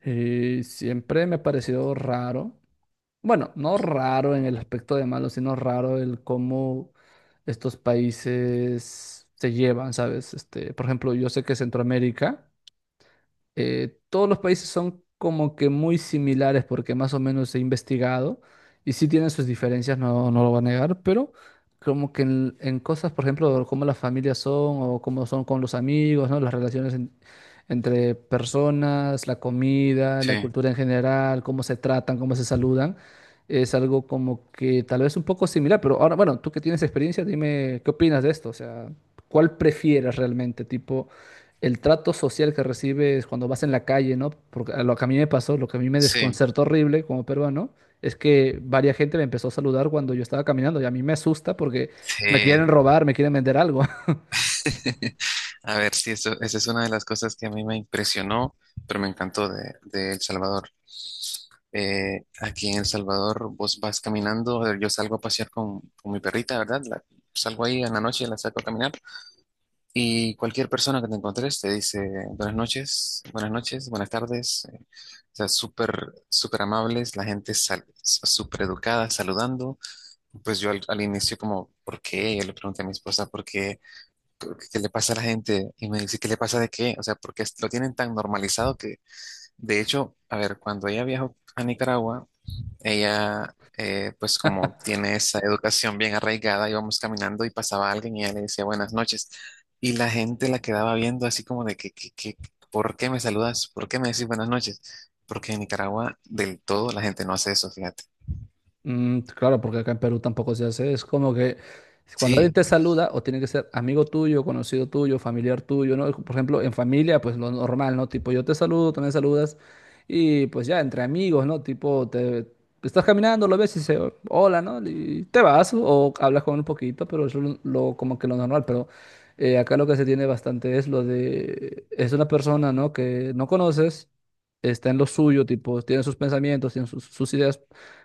Siempre me ha parecido raro, bueno, no raro en el aspecto de malo, sino raro el cómo estos países se llevan, ¿sabes? Este, por ejemplo, yo sé que Centroamérica todos los países son como que muy similares porque más o menos he investigado y sí tienen sus diferencias, no, no lo voy a negar, pero como que en cosas, por ejemplo, cómo las familias son o cómo son con los amigos, ¿no? Las relaciones entre personas, la comida, la Sí, cultura en general, cómo se tratan, cómo se saludan, es algo como que tal vez un poco similar, pero ahora, bueno, tú que tienes experiencia, dime qué opinas de esto, o sea, ¿cuál prefieres realmente? Tipo el trato social que recibes cuando vas en la calle, ¿no? Porque a lo que a mí me pasó, lo que a mí me sí, desconcertó horrible como peruano, es que varias gente me empezó a saludar cuando yo estaba caminando y a mí me asusta porque me quieren sí. robar, me quieren vender algo. A ver, sí, eso, esa es una de las cosas que a mí me impresionó, pero me encantó de El Salvador. Aquí en El Salvador vos vas caminando, a yo salgo a pasear con mi perrita, ¿verdad? Salgo ahí en la noche, la saco a caminar y cualquier persona que te encuentres te dice buenas noches, buenas noches, buenas tardes. O sea, súper, súper amables, la gente súper educada, saludando. Pues yo al inicio como, ¿por qué? Yo le pregunté a mi esposa, ¿por qué? ¿Qué le pasa a la gente? Y me dice, ¿qué le pasa de qué? O sea, porque lo tienen tan normalizado que, de hecho, a ver, cuando ella viajó a Nicaragua, ella, pues como tiene esa educación bien arraigada, íbamos caminando y pasaba alguien y ella le decía buenas noches. Y la gente la quedaba viendo así como de ¿por qué me saludas? ¿Por qué me decís buenas noches? Porque en Nicaragua del todo la gente no hace eso, fíjate. Mm, claro, porque acá en Perú tampoco se hace. Es como que cuando alguien Sí, te saluda, o tiene que ser amigo tuyo, conocido tuyo, familiar tuyo, ¿no? Por ejemplo, en familia, pues lo normal, ¿no? Tipo, yo te saludo, tú me saludas, y pues ya entre amigos, ¿no? Tipo, te estás caminando, lo ves y dices, hola, ¿no? Y te vas, o hablas con un poquito, pero eso es lo, como que lo normal. Pero acá lo que se tiene bastante es lo de, es una persona, ¿no? Que no conoces, está en lo suyo, tipo, tiene sus pensamientos, tiene sus ideas,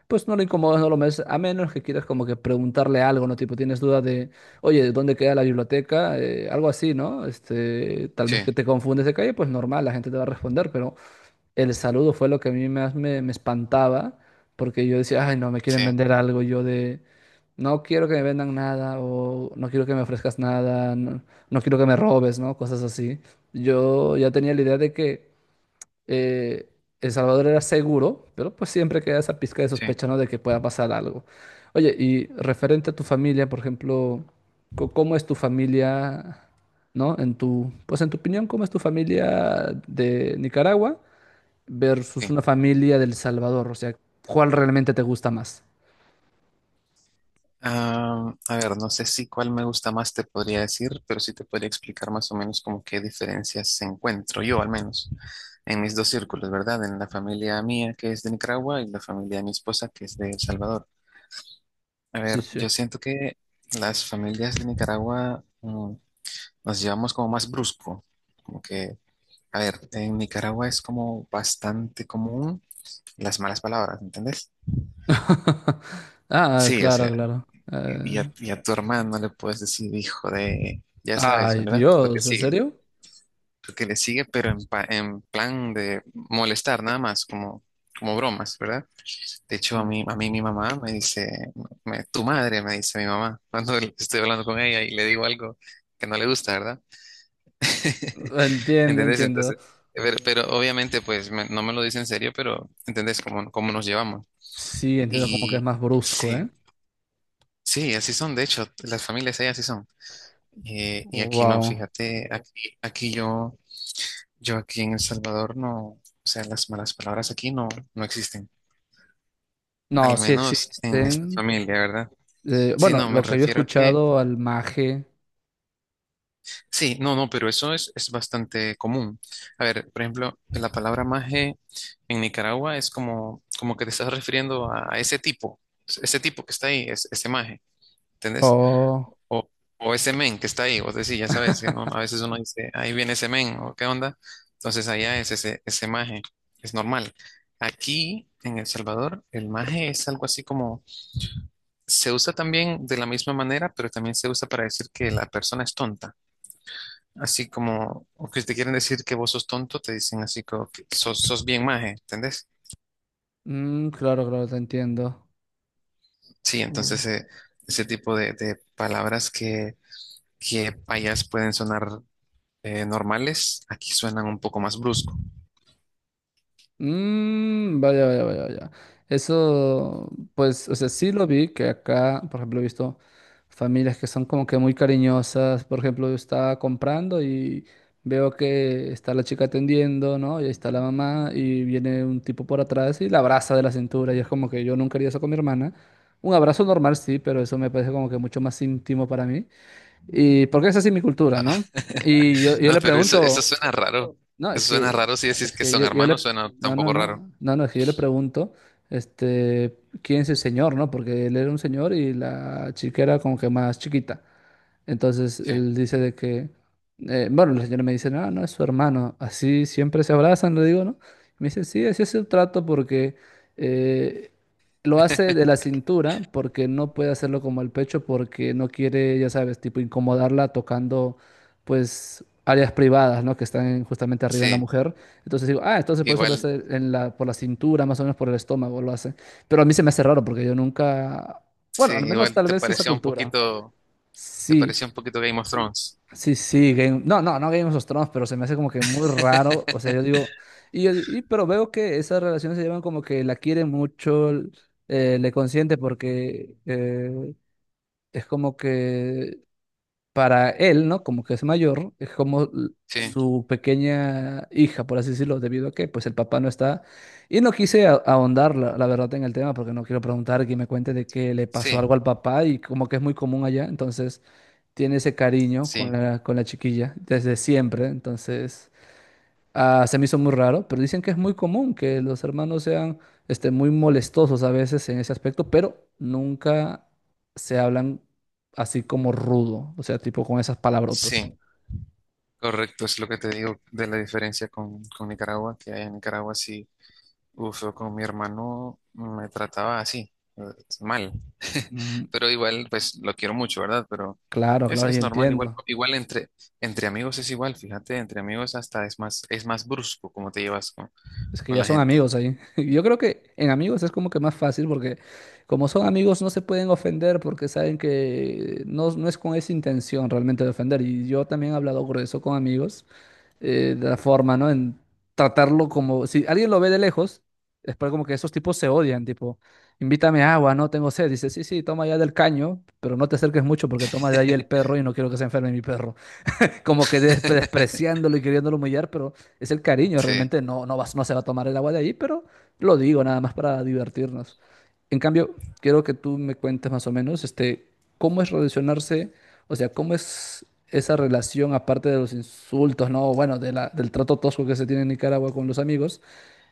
pues no lo incomodas, no lo metes, a menos que quieras como que preguntarle algo, ¿no? Tipo, tienes duda de, oye, ¿dónde queda la biblioteca? Algo así, ¿no? Este, tal sí, vez que te confundes de calle, pues normal, la gente te va a responder, pero el saludo fue lo que a mí más me espantaba, porque yo decía, ay, no, me quieren sí, vender algo, yo de, no quiero que me vendan nada, o no quiero que me ofrezcas nada, no, no quiero que me robes, ¿no? Cosas así. Yo ya tenía la idea de que eh, El Salvador era seguro, pero pues siempre queda esa pizca de sí, sospecha, ¿no? De que pueda pasar algo. Oye, y referente a tu familia, por ejemplo, ¿cómo es tu familia, no? Pues en tu opinión, ¿cómo es tu familia de Nicaragua versus sí. una familia del Salvador? O sea, ¿cuál realmente te gusta más? Ah, a ver, no sé si cuál me gusta más te podría decir, pero sí te podría explicar más o menos como qué diferencias encuentro yo, al menos, en mis dos círculos, ¿verdad? En la familia mía, que es de Nicaragua, y la familia de mi esposa, que es de El Salvador. A Sí, ver, sí. yo siento que las familias de Nicaragua, nos llevamos como más brusco, como que, a ver, en Nicaragua es como bastante común las malas palabras, ¿entendés? Ah, Sí, o claro, sea, claro. Y Eh, a, y a tu hermano le puedes decir, hijo de, ya sabes, Ay, ¿verdad? Lo que Dios, ¿en sigue, serio? lo que le sigue, pero en plan de molestar nada más, como, como bromas, ¿verdad? De hecho, a mí, a Mm. mí mi mamá me dice, tu madre me dice mi mamá, cuando estoy hablando con ella y le digo algo que no le gusta, ¿verdad? Entiendo, ¿Entendés? entiendo. Entonces, pero obviamente, pues no me lo dice en serio, pero ¿entendés cómo, cómo nos llevamos? Sí, entiendo como que es Y más brusco, ¿eh? sí, sí, así son, de hecho, las familias ahí así son. Y aquí no, Wow. fíjate, aquí yo, yo aquí en El Salvador no, o sea, las malas palabras aquí no, no existen, No, al sí menos en esta existen. familia, ¿verdad? Sí, Bueno, no, me lo que había refiero a que, escuchado, al maje. sí, no, no, pero eso es bastante común. A ver, por ejemplo, la palabra maje en Nicaragua es como, como que te estás refiriendo a ese tipo que está ahí, es, ese maje, ¿entendés? Oh. O, o ese men que está ahí, vos decís, ya sabes, que a veces uno dice, ahí viene ese men, o qué onda. Entonces allá es ese maje, es normal. Aquí en El Salvador, el maje es algo así como, se usa también de la misma manera, pero también se usa para decir que la persona es tonta. Así como, o que te quieren decir que vos sos tonto, te dicen así como que sos, sos bien maje, ¿entendés? Mm, claro, claro, te entiendo. Sí, entonces Oh. Ese tipo de palabras que payas pueden sonar normales, aquí suenan un poco más brusco. Mm, vaya, vaya, vaya, vaya. Eso, pues, o sea, sí lo vi, que acá, por ejemplo, he visto familias que son como que muy cariñosas. Por ejemplo, yo estaba comprando y veo que está la chica atendiendo, ¿no? Y ahí está la mamá y viene un tipo por atrás y la abraza de la cintura. Y es como que yo nunca haría eso con mi hermana. Un abrazo normal, sí, pero eso me parece como que mucho más íntimo para mí. Y porque es así mi cultura, ¿no? Y yo, yo No, le pero eso, sí, eso pregunto. suena raro. No, es Eso suena que, raro si decís es que que son hermanos, suena no, no, tampoco raro. no, no, no, es que yo le pregunto, este, ¿quién es el señor, no? Porque él era un señor y la chica era como que más chiquita. Entonces Sí, él dice de que, Bueno, la señora me dice, no, no es su hermano, así siempre se abrazan, le digo, ¿no? Me dice, sí, así es el trato porque eh, lo hace de la cintura, porque no puede hacerlo como el pecho, porque no quiere, ya sabes, tipo incomodarla tocando, pues, áreas privadas, ¿no? Que están justamente arriba en la sí, mujer. Entonces digo, ah, entonces por eso lo igual, hace en la, por la cintura, más o menos por el estómago lo hace. Pero a mí se me hace raro porque yo nunca, bueno, sí, al menos igual tal te vez esa parecía un cultura. poquito, te Sí, parecía un poquito Game of Thrones. sí, sí, no, no, no, Game of Thrones, pero se me hace como que muy raro, o sea, yo digo, pero veo que esas relaciones se llevan como que la quiere mucho, le consiente porque es como que para él, ¿no? Como que es mayor, es como Sí, su pequeña hija, por así decirlo, debido a que pues el papá no está. Y no quise ahondar, la verdad, en el tema, porque no quiero preguntar que me cuente de que le pasó algo sí, al papá y como que es muy común allá, entonces tiene ese cariño sí, con la chiquilla desde siempre, entonces... Ah, se me hizo muy raro, pero dicen que es muy común que los hermanos sean este, muy molestosos a veces en ese aspecto, pero nunca se hablan así como rudo, o sea, tipo con esas palabrotas. sí. Correcto, es lo que te digo de la diferencia con Nicaragua, que en Nicaragua sí. Uf, yo con mi hermano me trataba así, mal. Mm, Pero igual, pues lo quiero mucho, ¿verdad? Pero claro, claro, yo es normal, igual, entiendo. igual entre amigos es igual, fíjate, entre amigos hasta es más brusco cómo te llevas Es que con ya la son gente. amigos ahí. Yo creo que en amigos es como que más fácil porque como son amigos no se pueden ofender porque saben que no, no es con esa intención realmente de ofender. Y yo también he hablado grueso con amigos. La forma, ¿no? En tratarlo como, si alguien lo ve de lejos, es para como que esos tipos se odian, tipo, invítame agua, no tengo sed, dice, sí, sí, toma ya del caño, pero no te acerques mucho porque toma de ahí el perro y no quiero que se enferme mi perro. Como que despreciándolo y queriéndolo humillar, pero es el cariño, Sí, realmente no, no vas, no se va a tomar el agua de ahí, pero lo digo nada más para divertirnos. En cambio, quiero que tú me cuentes más o menos, este, cómo es relacionarse, o sea, cómo es esa relación, aparte de los insultos, ¿no? Bueno, de del trato tosco que se tiene en Nicaragua con los amigos.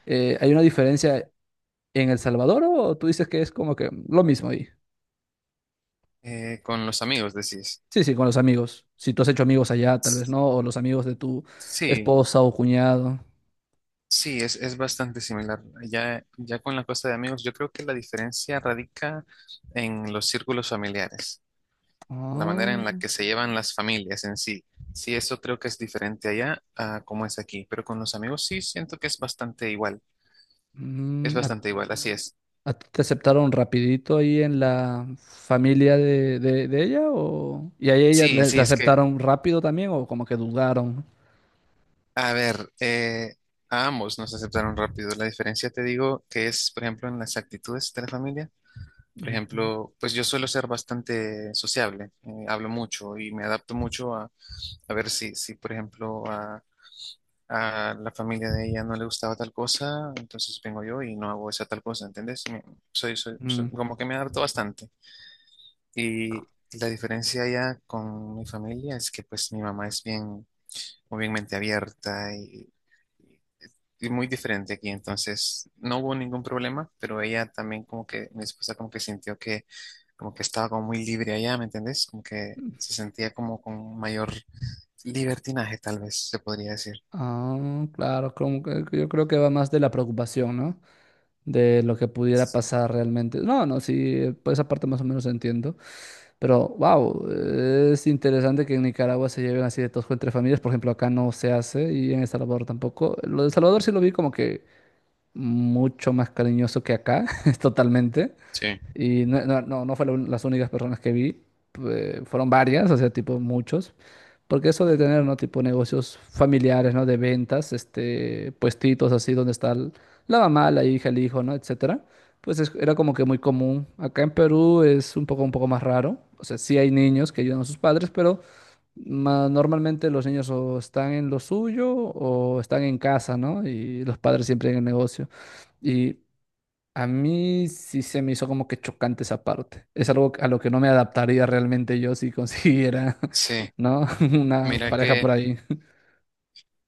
¿Hay una diferencia en El Salvador o tú dices que es como que lo mismo ahí? Con los amigos decís. Sí, sí, con los amigos. Si tú has hecho amigos allá, tal vez no, o los amigos de tu Sí, esposa o cuñado. sí, es bastante similar. Ya con la cosa de amigos, yo creo que la diferencia radica en los círculos familiares. La manera Ah, en la que se llevan las familias en sí. Sí, eso creo que es diferente allá a cómo es aquí, pero con los amigos sí siento que es mm, ¿a bastante igual, así es. ¿A ti te aceptaron rapidito ahí en la familia de ella? ¿Y a ella Sí, sí, la es que, aceptaron rápido también o como que dudaron? a ver, a ambos nos aceptaron rápido. La diferencia te digo que es, por ejemplo, en las actitudes de la familia. Por Ujú. ejemplo, pues yo suelo ser bastante sociable, hablo mucho y me adapto mucho a ver si, si, por ejemplo, a la familia de ella no le gustaba tal cosa, entonces vengo yo y no hago esa tal cosa, ¿entendés? Soy, soy, soy- Mm. como que me adapto bastante. Y la diferencia ya con mi familia es que pues mi mamá es bien, muy bien mente abierta y muy diferente aquí, entonces no hubo ningún problema, pero ella también como que, mi esposa como que sintió que como que estaba como muy libre allá, ¿me entendés? Como que se sentía como con mayor libertinaje, tal vez se podría decir. Ah, claro, como que yo creo que va más de la preocupación, ¿no? De lo que pudiera Sí. pasar realmente. No, no, sí, por esa parte más o menos entiendo. Pero, wow, es interesante que en Nicaragua se lleven así de tosco entre familias. Por ejemplo, acá no se hace y en El Salvador tampoco. Lo de El Salvador sí lo vi como que mucho más cariñoso que acá, totalmente. Sí. Y no, no, no, no fueron las únicas personas que vi, fueron varias, o sea, tipo muchos. Porque eso de tener, ¿no? Tipo negocios familiares, ¿no? De ventas, este, puestitos así donde está la mamá, la hija, el hijo, ¿no? Etcétera. Pues era como que muy común. Acá en Perú es un poco más raro. O sea, sí hay niños que ayudan a sus padres, pero normalmente los niños o están en lo suyo o están en casa, ¿no? Y los padres siempre en el negocio. Y a mí sí se me hizo como que chocante esa parte. Es algo a lo que no me adaptaría realmente yo si consiguiera, Sí. ¿no? una Mira pareja por que, ahí.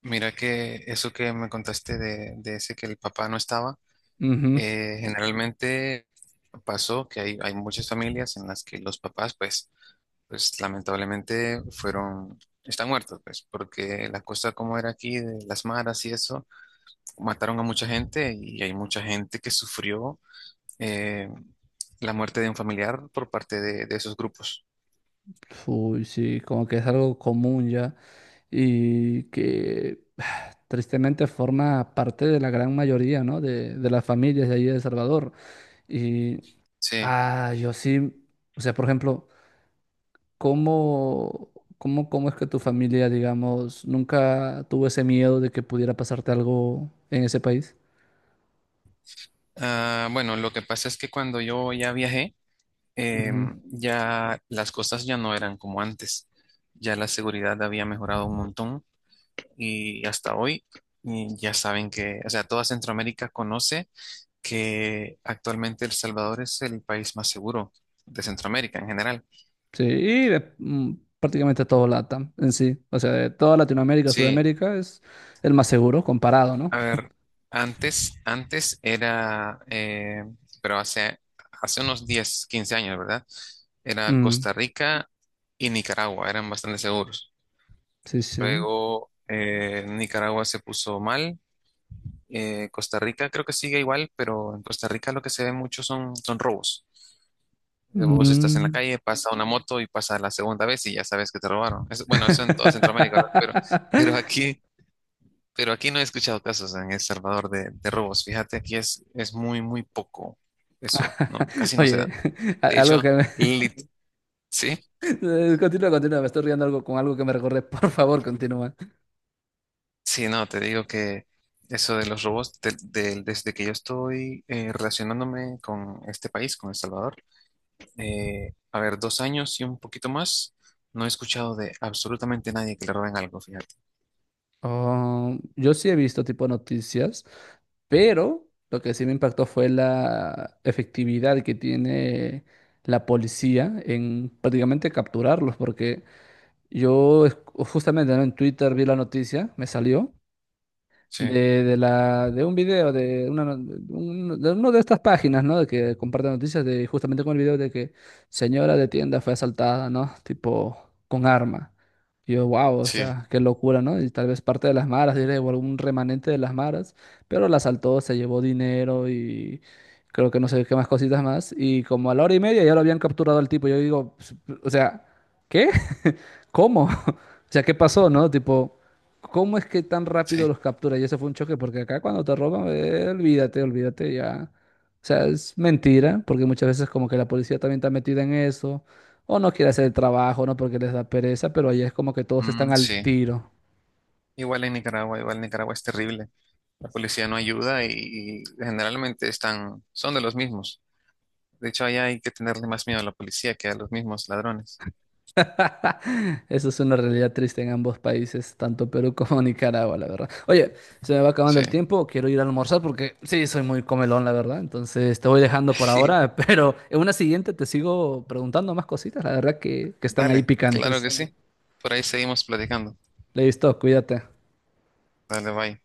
mira que eso que me contaste de ese que el papá no estaba, Ujú. Generalmente pasó que hay muchas familias en las que los papás, pues, pues lamentablemente fueron, están muertos, pues, porque la cosa como era aquí, de las maras y eso, mataron a mucha gente y hay mucha gente que sufrió eh, la muerte de un familiar por parte de esos grupos. Uy, sí, como que es algo común ya y que tristemente forma parte de la gran mayoría, ¿no? De las familias de allí de El Salvador. Y Sí. ah, yo sí, o sea, por ejemplo. ¿Cómo, ¿Cómo es que tu familia, digamos, nunca tuvo ese miedo de que pudiera pasarte algo en ese país? Ah, bueno, lo que pasa es que cuando yo ya viajé, Ujú. Ya las cosas ya no eran como antes, ya la seguridad había mejorado un montón y hasta hoy y ya saben que, o sea, toda Centroamérica conoce que actualmente El Salvador es el país más seguro de Centroamérica en general. Sí, y prácticamente todo LATAM en sí. O sea, de toda Latinoamérica, Sí, Sudamérica es el más seguro comparado, ¿no? a ver, antes era, pero hace, hace unos 10 o 15 años, ¿verdad? Era Mm, Costa Rica y Nicaragua, eran bastante seguros. sí, sí. Luego Nicaragua se puso mal. Costa Rica creo que sigue igual, pero en Costa Rica lo que se ve mucho son, son robos. Vos estás en la Mm. calle, pasa una moto y pasa la segunda vez y ya sabes que te robaron. Eso- bueno, eso en toda Centroamérica, ¿verdad? Pero, pero aquí, pero aquí no he escuchado casos en El Salvador de robos. Fíjate, aquí es muy, muy poco eso. No, casi no se Oye, da. De algo hecho, que me... lit- ¿sí? Continúa, continúa, me estoy riendo algo con algo que me recuerde. Por favor, continúa. Sí, no, te digo que eso de los robots, desde que yo estoy relacionándome con este país, con El Salvador, a ver, 2 años y un poquito más, no he escuchado de absolutamente nadie que le roben algo, fíjate. Ah, yo sí he visto tipo noticias, pero lo que sí me impactó fue la efectividad que tiene la policía en prácticamente capturarlos, porque yo justamente, ¿no? En Twitter vi la noticia, me salió Sí, de la, de un video, de, una, no- de un- de uno de estas páginas, ¿no? De que comparten noticias, de justamente con el video de que señora de tienda fue asaltada, ¿no? Tipo, con arma. Y yo, wow, o sí, sea, qué locura, ¿no? Y tal vez parte de las maras, diré, o algún remanente de las maras, pero la asaltó, se llevó dinero y creo que no sé qué más cositas más. Y como a la hora y media ya lo habían capturado al tipo. Yo digo, "Pues, o sea, ¿qué? ¿Cómo? O sea, ¿qué pasó, no? Tipo, ¿cómo es que tan rápido sí, los captura? Y ese fue un choque, porque acá cuando te roban, olvídate, olvídate ya. O sea, es mentira, porque muchas veces como que la policía también está metida en eso, o no quiere hacer el trabajo, ¿no? Porque les da pereza, pero allá es como que todos están mm, al sí. tiro. Igual en Nicaragua es terrible. La policía no ayuda y generalmente están, son de los mismos. De hecho, allá hay que tenerle más miedo a la policía que a los mismos ladrones. Eso es una realidad triste en ambos países, tanto Perú como Nicaragua, la verdad. Oye, se me va acabando Sí. el tiempo, quiero ir a almorzar porque sí, soy muy comelón, la verdad. Entonces te voy dejando por ahora, pero en una siguiente te sigo preguntando más cositas, la verdad que están ahí Dale, claro picantes. que sí. Por ahí seguimos platicando. Listo, cuídate. Dale, bye.